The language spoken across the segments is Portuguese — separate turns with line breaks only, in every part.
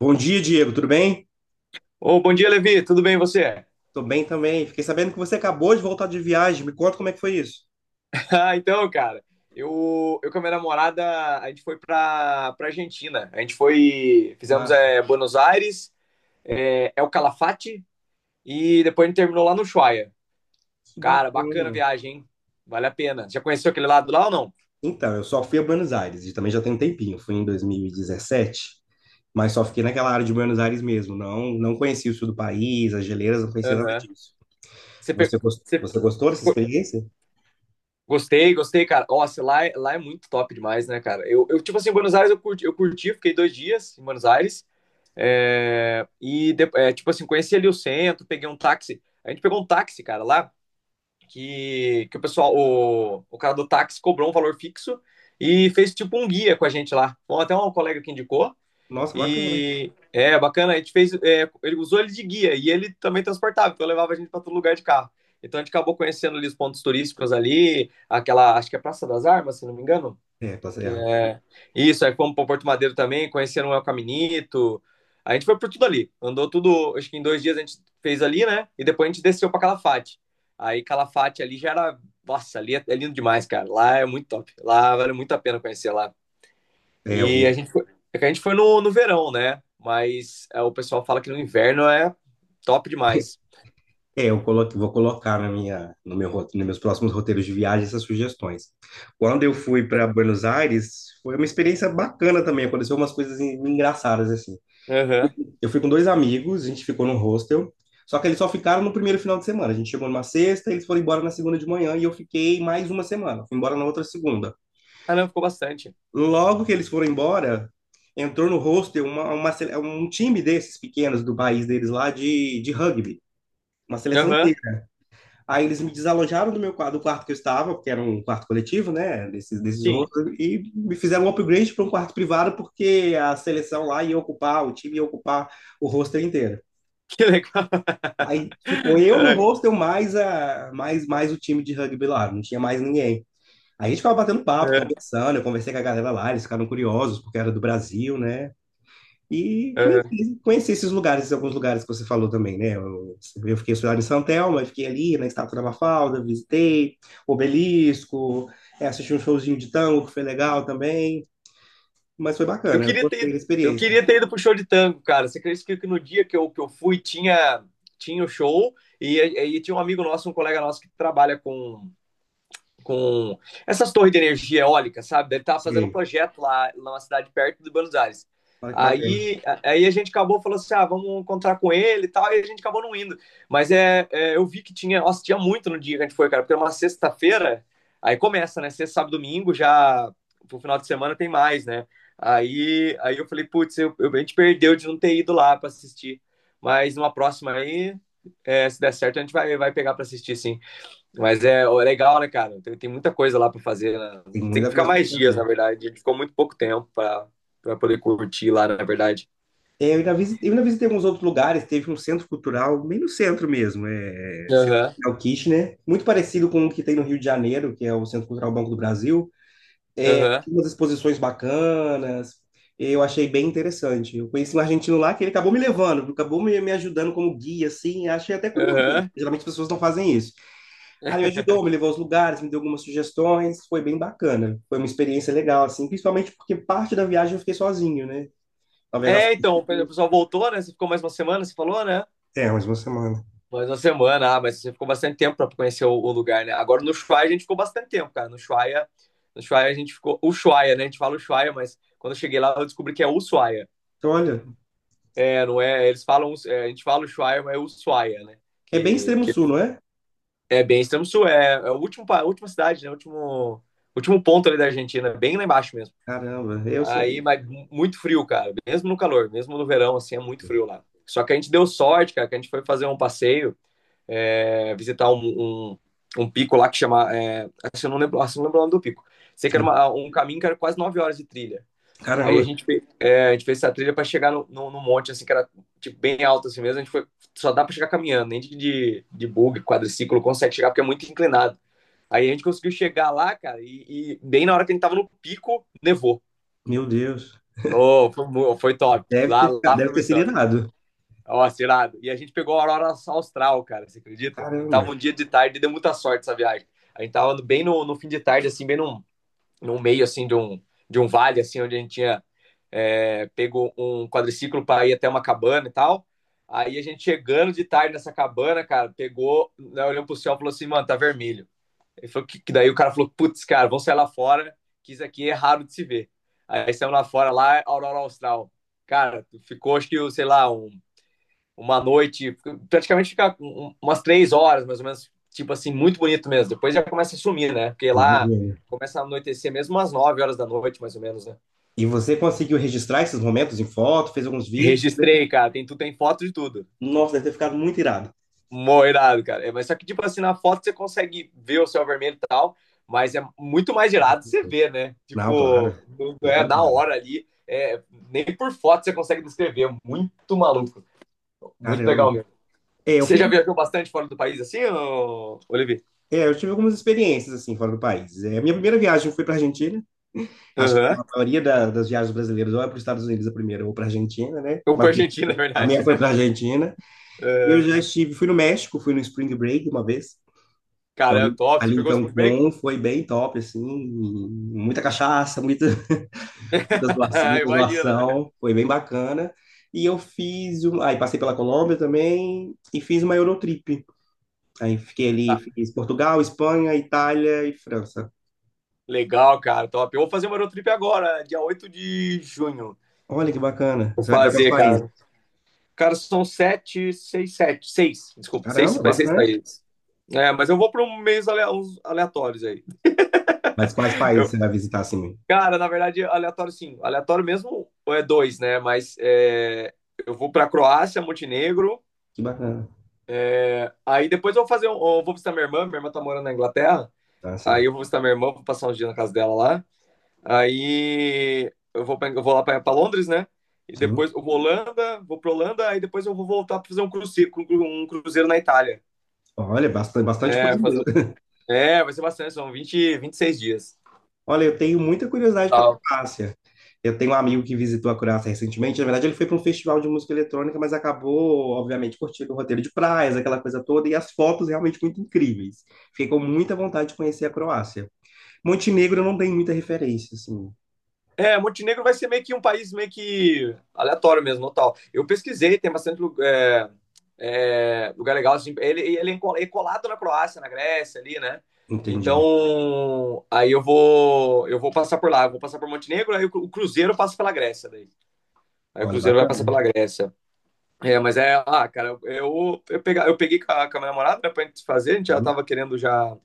Bom dia, Diego. Tudo bem?
Ô, bom dia, Levi. Tudo bem e você?
Tô bem também. Fiquei sabendo que você acabou de voltar de viagem. Me conta como é que foi isso.
Ah, então, cara, eu com a minha namorada, a gente foi pra Argentina. A gente foi, fizemos
Massa.
é, Buenos Aires, é, El Calafate e depois a gente terminou lá no Ushuaia.
Que
Cara, bacana a
bacana.
viagem, hein? Vale a pena. Já conheceu aquele lado lá ou não?
Então, eu só fui a Buenos Aires e também já tem um tempinho. Fui em 2017, mas só fiquei naquela área de Buenos Aires mesmo. Não, conheci o sul do país, as geleiras, não conhecia nada
Aham.
disso.
Você,
Você,
você
você gostou dessa
ficou-
experiência?
Gostei, gostei, cara. Nossa, lá, lá é muito top demais, né, cara? Eu tipo assim, Buenos Aires eu curti, fiquei 2 dias em Buenos Aires. É, e, é, tipo assim, conheci ali o centro, peguei um táxi. A gente pegou um táxi, cara, lá, que o pessoal, o cara do táxi cobrou um valor fixo e fez tipo um guia com a gente lá. Bom, até um colega que indicou.
Nossa, bacana.
E é bacana, a gente fez, é, ele usou ele de guia e ele também transportava, então levava a gente para todo lugar de carro. Então a gente acabou conhecendo ali os pontos turísticos ali, aquela, acho que é Praça das Armas, se não me engano.
É, tá certo.
É, isso, aí fomos para Porto Madeiro também, conheceram o Caminito. A gente foi por tudo ali. Andou tudo, acho que em 2 dias a gente fez ali, né? E depois a gente desceu para Calafate. Aí Calafate ali já era. Nossa, ali é lindo demais, cara. Lá é muito top. Lá vale muito a pena conhecer lá.
É, eu
E a
vou.
gente foi, é que a gente foi no, no verão, né? Mas é, o pessoal fala que no inverno é top demais.
Vou colocar na minha, no meu, nos meus próximos roteiros de viagem essas sugestões. Quando eu fui para Buenos Aires, foi uma experiência bacana também. Aconteceu umas coisas engraçadas assim.
Aham.
Eu fui com dois amigos, a gente ficou num hostel, só que eles só ficaram no primeiro final de semana. A gente chegou numa sexta, eles foram embora na segunda de manhã e eu fiquei mais uma semana. Fui embora na outra segunda.
Ah, não, ficou bastante.
Logo que eles foram embora, entrou no hostel um time desses pequenos do país deles lá de rugby, uma seleção
Aham,
inteira. Aí eles me desalojaram do meu quarto, do quarto que eu estava, porque era um quarto coletivo, né, desses
sim.
rostos, e me fizeram um upgrade para um quarto privado, porque a seleção lá ia ocupar, o time ia ocupar o roster inteiro.
Que legal.
Aí ficou eu no
É,
hostel, mais o time de rugby lá, não tinha mais ninguém. Aí a gente ficava batendo papo,
é,
conversando, eu conversei com a galera lá, eles ficaram curiosos, porque era do Brasil, né? E
é.
conheci, conheci esses lugares, esses alguns lugares que você falou também, né? Eu fiquei estudando em São Telmo, eu fiquei ali na Estátua da Mafalda, visitei Obelisco, é, assisti um showzinho de tango, que foi legal também, mas foi
Eu
bacana, eu
queria
gostei
ter,
da
eu
experiência.
queria ter ido pro show de tango, cara. Você acredita que no dia que eu fui tinha, tinha o show e tinha um amigo nosso, um colega nosso que trabalha com essas torres de energia eólica, sabe? Ele estava fazendo um
Sim,
projeto lá numa cidade perto de Buenos Aires.
olha que bacana,
Aí a gente acabou falando assim, ah, vamos encontrar com ele e tal, e a gente acabou não indo. Mas é, é, eu vi que tinha, nossa, tinha muito no dia que a gente foi, cara, porque é uma sexta-feira, aí começa, né? Sexta, sábado, domingo, já pro final de semana tem mais, né? Aí eu falei, putz, eu, a gente perdeu de não ter ido lá para assistir. Mas numa próxima aí, é, se der certo, a gente vai, vai pegar para assistir, sim. Mas é ó, é legal, né, cara? Tem, tem muita coisa lá pra fazer, né?
tem
Tem que
muita
ficar
coisa para
mais dias, na
fazer.
verdade. A gente ficou muito pouco tempo pra, pra poder curtir lá, na verdade.
É, eu ainda visitei, eu ainda visitei alguns outros lugares, teve um centro cultural, bem no centro mesmo, é, Centro
Aham,
Cultural Kitchener, muito parecido com o que tem no Rio de Janeiro, que é o Centro Cultural Banco do Brasil,
aham,
tinha umas exposições bacanas. Eu achei bem interessante. Eu conheci um argentino lá que ele acabou me levando, acabou me, me ajudando como guia, assim. Achei até curioso isso.
aham.
Geralmente as pessoas não fazem isso. Aí me ajudou, me levou aos lugares, me deu algumas sugestões. Foi bem bacana. Foi uma experiência legal, assim. Principalmente porque parte da viagem eu fiquei sozinho, né? Talvez as...
É, então, o pessoal voltou, né? Você ficou mais uma semana, você falou, né?
É, mais uma semana.
Mais uma semana, ah, mas você ficou bastante tempo pra conhecer o lugar, né? Agora no Ushuaia a gente ficou bastante tempo, cara. No Ushuaia, no Ushuaia a gente ficou. Ushuaia, né? A gente fala Ushuaia, mas quando eu cheguei lá eu descobri que é Ushuaia.
Então, olha,
É, não é. Eles falam. É, a gente fala Ushuaia, mas é Ushuaia, né?
é bem
Que,
extremo
que
sul, não é?
é, bem extremo sul, é, é a última, a última cidade, né? O último, último ponto ali da Argentina, bem lá embaixo mesmo.
Caramba, eu
Aí,
sou...
mas muito frio, cara. Mesmo no calor, mesmo no verão, assim, é muito frio lá. Só que a gente deu sorte, cara, que a gente foi fazer um passeio, é, visitar um, um, um pico lá que chama. É, assim, eu não lembro, assim, eu não lembro o nome do pico. Sei que era
Sim.
um caminho que era quase 9 horas de trilha. Aí a
Caramba,
gente, é, a gente fez essa trilha para chegar no, no, num monte, assim, que era tipo, bem alto assim mesmo. A gente foi, só dá para chegar caminhando, nem de, de bug, quadriciclo consegue chegar, porque é muito inclinado. Aí a gente conseguiu chegar lá, cara, e bem na hora que a gente tava no pico, nevou.
meu Deus.
Oh, foi, foi top.
Deve
Lá,
ter,
lá foi
deve ter
muito
sido
top.
irado.
Ó, tirado. E a gente pegou a aurora austral, cara, você acredita? A gente tava
Caramba,
um dia de tarde e deu muita sorte essa viagem. A gente tava bem no, no fim de tarde, assim, bem num, no meio, assim, de um vale, assim, onde a gente tinha é, pego um quadriciclo para ir até uma cabana e tal. Aí a gente chegando de tarde nessa cabana, cara, pegou, né, olhando pro céu e falou assim, mano, tá vermelho. Ele falou que daí o cara falou, putz, cara, vamos sair lá fora, que isso aqui é raro de se ver. Aí saímos lá fora, lá, Aurora Austral. Cara, ficou, acho que, sei lá, um, uma noite, praticamente fica um, um, umas 3 horas, mais ou menos, tipo assim, muito bonito mesmo. Depois já começa a sumir, né? Porque lá
imagina.
começa a anoitecer mesmo umas 9 horas da noite, mais ou menos, né?
E você conseguiu registrar esses momentos em foto, fez alguns vídeos?
Registrei, cara, tem, tu tem foto de tudo.
Nossa, deve ter ficado muito irado.
Moirado, cara. É, mas só que, tipo assim, na foto você consegue ver o céu vermelho e tal, mas é muito mais irado você ver, né?
Não,
Tipo,
claro.
não
Nem
é na
compara.
hora ali. É, nem por foto você consegue descrever. É muito maluco. Muito
Caramba.
legal mesmo.
É, eu
Você já
fico.
viajou bastante fora do país assim, ô, Olivier?
É, eu tive algumas experiências assim fora do país. É, a minha primeira viagem foi para Argentina. Acho que
Aham.
a maioria das viagens brasileiras ou é para os Estados Unidos a primeira ou para Argentina, né?
Ou
Mas
pra Argentina, na
a
verdade.
minha foi para Argentina. Eu
É.
já estive, fui no México, fui no Spring Break uma vez.
Cara, é
Então
top. Você
ali em
pegou o spring break?
Cancún foi bem top assim, muita cachaça, muita muita
Imagina.
zoação, foi bem bacana. E eu fiz, um, aí passei pela Colômbia também e fiz uma Eurotrip. Aí fiquei ali,
Tá.
fiz Portugal, Espanha, Itália e França.
Legal, cara, top. Eu vou fazer uma road trip agora, dia 8 de junho.
Olha que bacana.
Vou
Você vai para quais
fazer, cara.
países?
Cara, são sete, seis, sete, seis, desculpa, seis,
Caramba,
faz seis
bastante.
países. É, mas eu vou para um meios uns aleatórios aí.
Mas quais países
Eu-
você vai visitar assim?
cara, na verdade, aleatório sim. Aleatório mesmo é dois, né? Mas é, eu vou para Croácia, Montenegro.
Que bacana.
Aí depois eu vou fazer um, eu vou visitar minha irmã. Minha irmã tá morando na Inglaterra.
Tá,
Aí
sim.
eu vou visitar minha irmã, vou passar uns dias na casa dela lá. Aí eu vou, eu vou lá para Londres, né? E
Sim.
depois eu vou Holanda, vou para Holanda. Aí depois eu vou voltar para fazer um cruzeiro, um cruzeiro na Itália.
Olha, bastante, bastante
É,
coisa
fazer
mesmo.
é, vai ser bastante, são vinte, 26 dias.
Olha, eu tenho muita curiosidade com a
Tal.
Croácia. Eu tenho um amigo que visitou a Croácia recentemente. Na verdade, ele foi para um festival de música eletrônica, mas acabou, obviamente, curtindo o roteiro de praias, aquela coisa toda, e as fotos realmente muito incríveis. Fiquei com muita vontade de conhecer a Croácia. Montenegro não tem muita referência, assim.
É, Montenegro vai ser meio que um país meio que aleatório mesmo, no tal. Eu pesquisei, tem bastante é, é, lugar legal. Assim, ele é é colado na Croácia, na Grécia ali, né?
Entendi.
Então, aí eu vou passar por lá, eu vou passar por Montenegro, aí o o cruzeiro passa pela Grécia daí. Aí o
Olha,
cruzeiro vai passar
bacana.
pela Grécia. É, mas é, ah, cara, eu, eu peguei com a minha namorada, né, pra gente fazer, a gente já
Uhum.
tava querendo já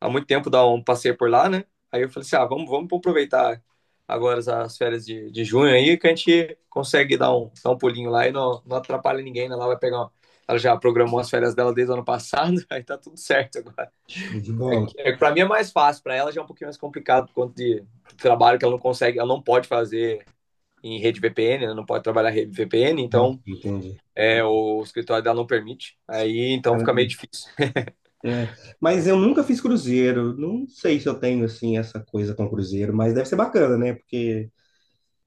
há muito tempo dar um passeio por lá, né? Aí eu falei assim, ah, vamos, vamos aproveitar agora as férias de junho aí, que a gente consegue dar um pulinho lá e não, não atrapalha ninguém, né? Ela vai pegar uma... Ela já programou as férias dela desde o ano passado, aí tá tudo certo agora.
Show de
É,
bola.
é, pra mim é mais fácil, pra ela já é um pouquinho mais complicado por conta de trabalho que ela não consegue, ela não pode fazer em rede VPN, ela não pode trabalhar em rede VPN,
Nossa,
então
entendi.
é,
Tá.
o escritório dela não permite, aí então fica
Caramba.
meio difícil.
É. Mas eu nunca fiz cruzeiro. Não sei se eu tenho, assim, essa coisa com cruzeiro, mas deve ser bacana, né? Porque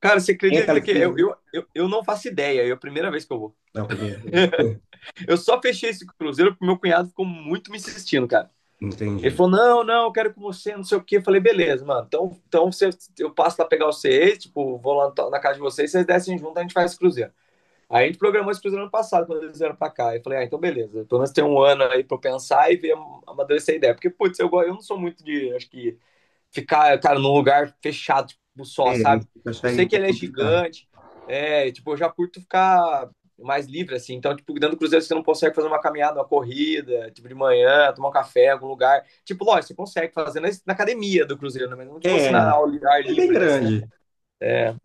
Cara, você
tem aquela
acredita que eu,
experiência.
eu, eu, eu não faço ideia, é a primeira vez que eu vou.
É o primeiro.
Eu só fechei esse cruzeiro porque meu cunhado ficou muito me insistindo, cara.
Entendi.
Ele falou: não, não, eu quero com você, não sei o quê. Eu falei, beleza, mano. Então, então você, eu passo lá pegar vocês, tipo, vou lá na casa de vocês, vocês descem junto, a gente faz esse cruzeiro. Aí a gente programou esse cruzeiro ano passado, quando eles vieram pra cá. Eu falei, ah, então beleza. Pelo menos tem um ano aí pra eu pensar e ver amadurecer a ideia. Porque, putz, eu não sou muito de, acho que, ficar, cara, num lugar fechado tipo, só,
É,
sabe?
isso eu
Eu
acharia
sei
um
que
pouco
ele é
complicado.
gigante, é, tipo, eu já curto ficar mais livre, assim. Então, tipo, dentro do Cruzeiro você não consegue fazer uma caminhada, uma corrida, tipo, de manhã, tomar um café em algum lugar. Tipo, lógico, você consegue fazer na, na academia do Cruzeiro, né? Mas não, tipo, assim,
É,
na, ao ar
é bem
livre, né?
grande.
É,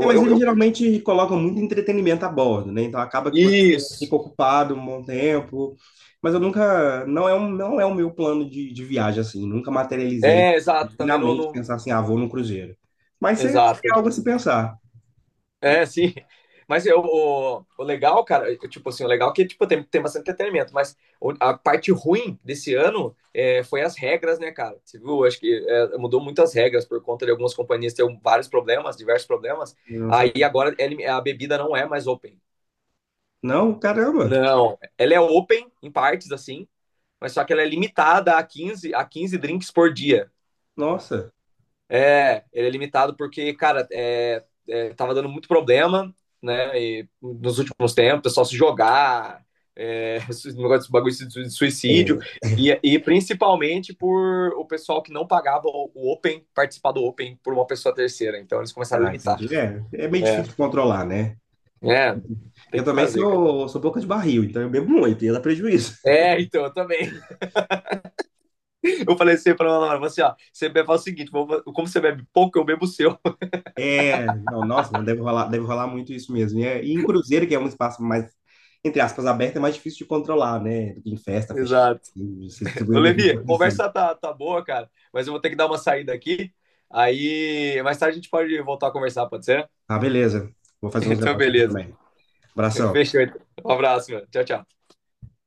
É, mas eles
eu,
geralmente colocam muito entretenimento a bordo, né? Então acaba que você fica
isso.
ocupado um bom tempo. Mas eu nunca, não é um, não é o meu plano de viagem, assim. Nunca materializei
É, exato,
na
também não...
mente
não
pensar assim, ah, vou num cruzeiro. Mas seria
exato.
algo a se pensar.
É, sim. Mas eu, o legal, cara, eu, tipo assim, o legal é que tipo, tem, tem bastante entretenimento, mas a parte ruim desse ano é, foi as regras, né, cara? Você viu? Acho que é, mudou muitas regras por conta de algumas companhias ter um, vários problemas, diversos problemas.
Eu não
Aí
sabia.
agora a bebida não é mais open.
Não, caramba,
Não, ela é open em partes, assim, mas só que ela é limitada a 15 a 15 drinks por dia.
nossa.
É, ele é limitado porque, cara, é, é, tava dando muito problema, né? E nos últimos tempos, o pessoal se jogar, é, negócio de bagulho de suicídio,
É.
e principalmente por o pessoal que não pagava o Open, participar do Open por uma pessoa terceira. Então eles começaram a
Ah,
limitar.
entendi. É, é meio
É,
difícil de controlar, né?
é tem
Eu
que
também
fazer, cara.
sou, sou boca de barril, então eu bebo muito, e dá prejuízo.
É, então, eu também. Eu falei assim pra ela, assim, ó, você bebe, faz o seguinte, como você bebe pouco, eu bebo o seu.
É, não, nossa, não deve rolar, deve rolar muito isso mesmo. E em cruzeiro, que é um espaço mais, entre aspas, aberto, é mais difícil de controlar, né? Do que em festa, fechar.
Exato.
Você distribui
Ô,
a bebida
Levi, a
pra você.
conversa tá, tá boa, cara, mas eu vou ter que dar uma saída aqui. Aí, mais tarde a gente pode voltar a conversar, pode ser?
Ah, beleza. Vou fazer uns
Então,
negócios aqui
beleza.
também. Abração.
Fechou. Então. Um abraço, mano. Tchau, tchau.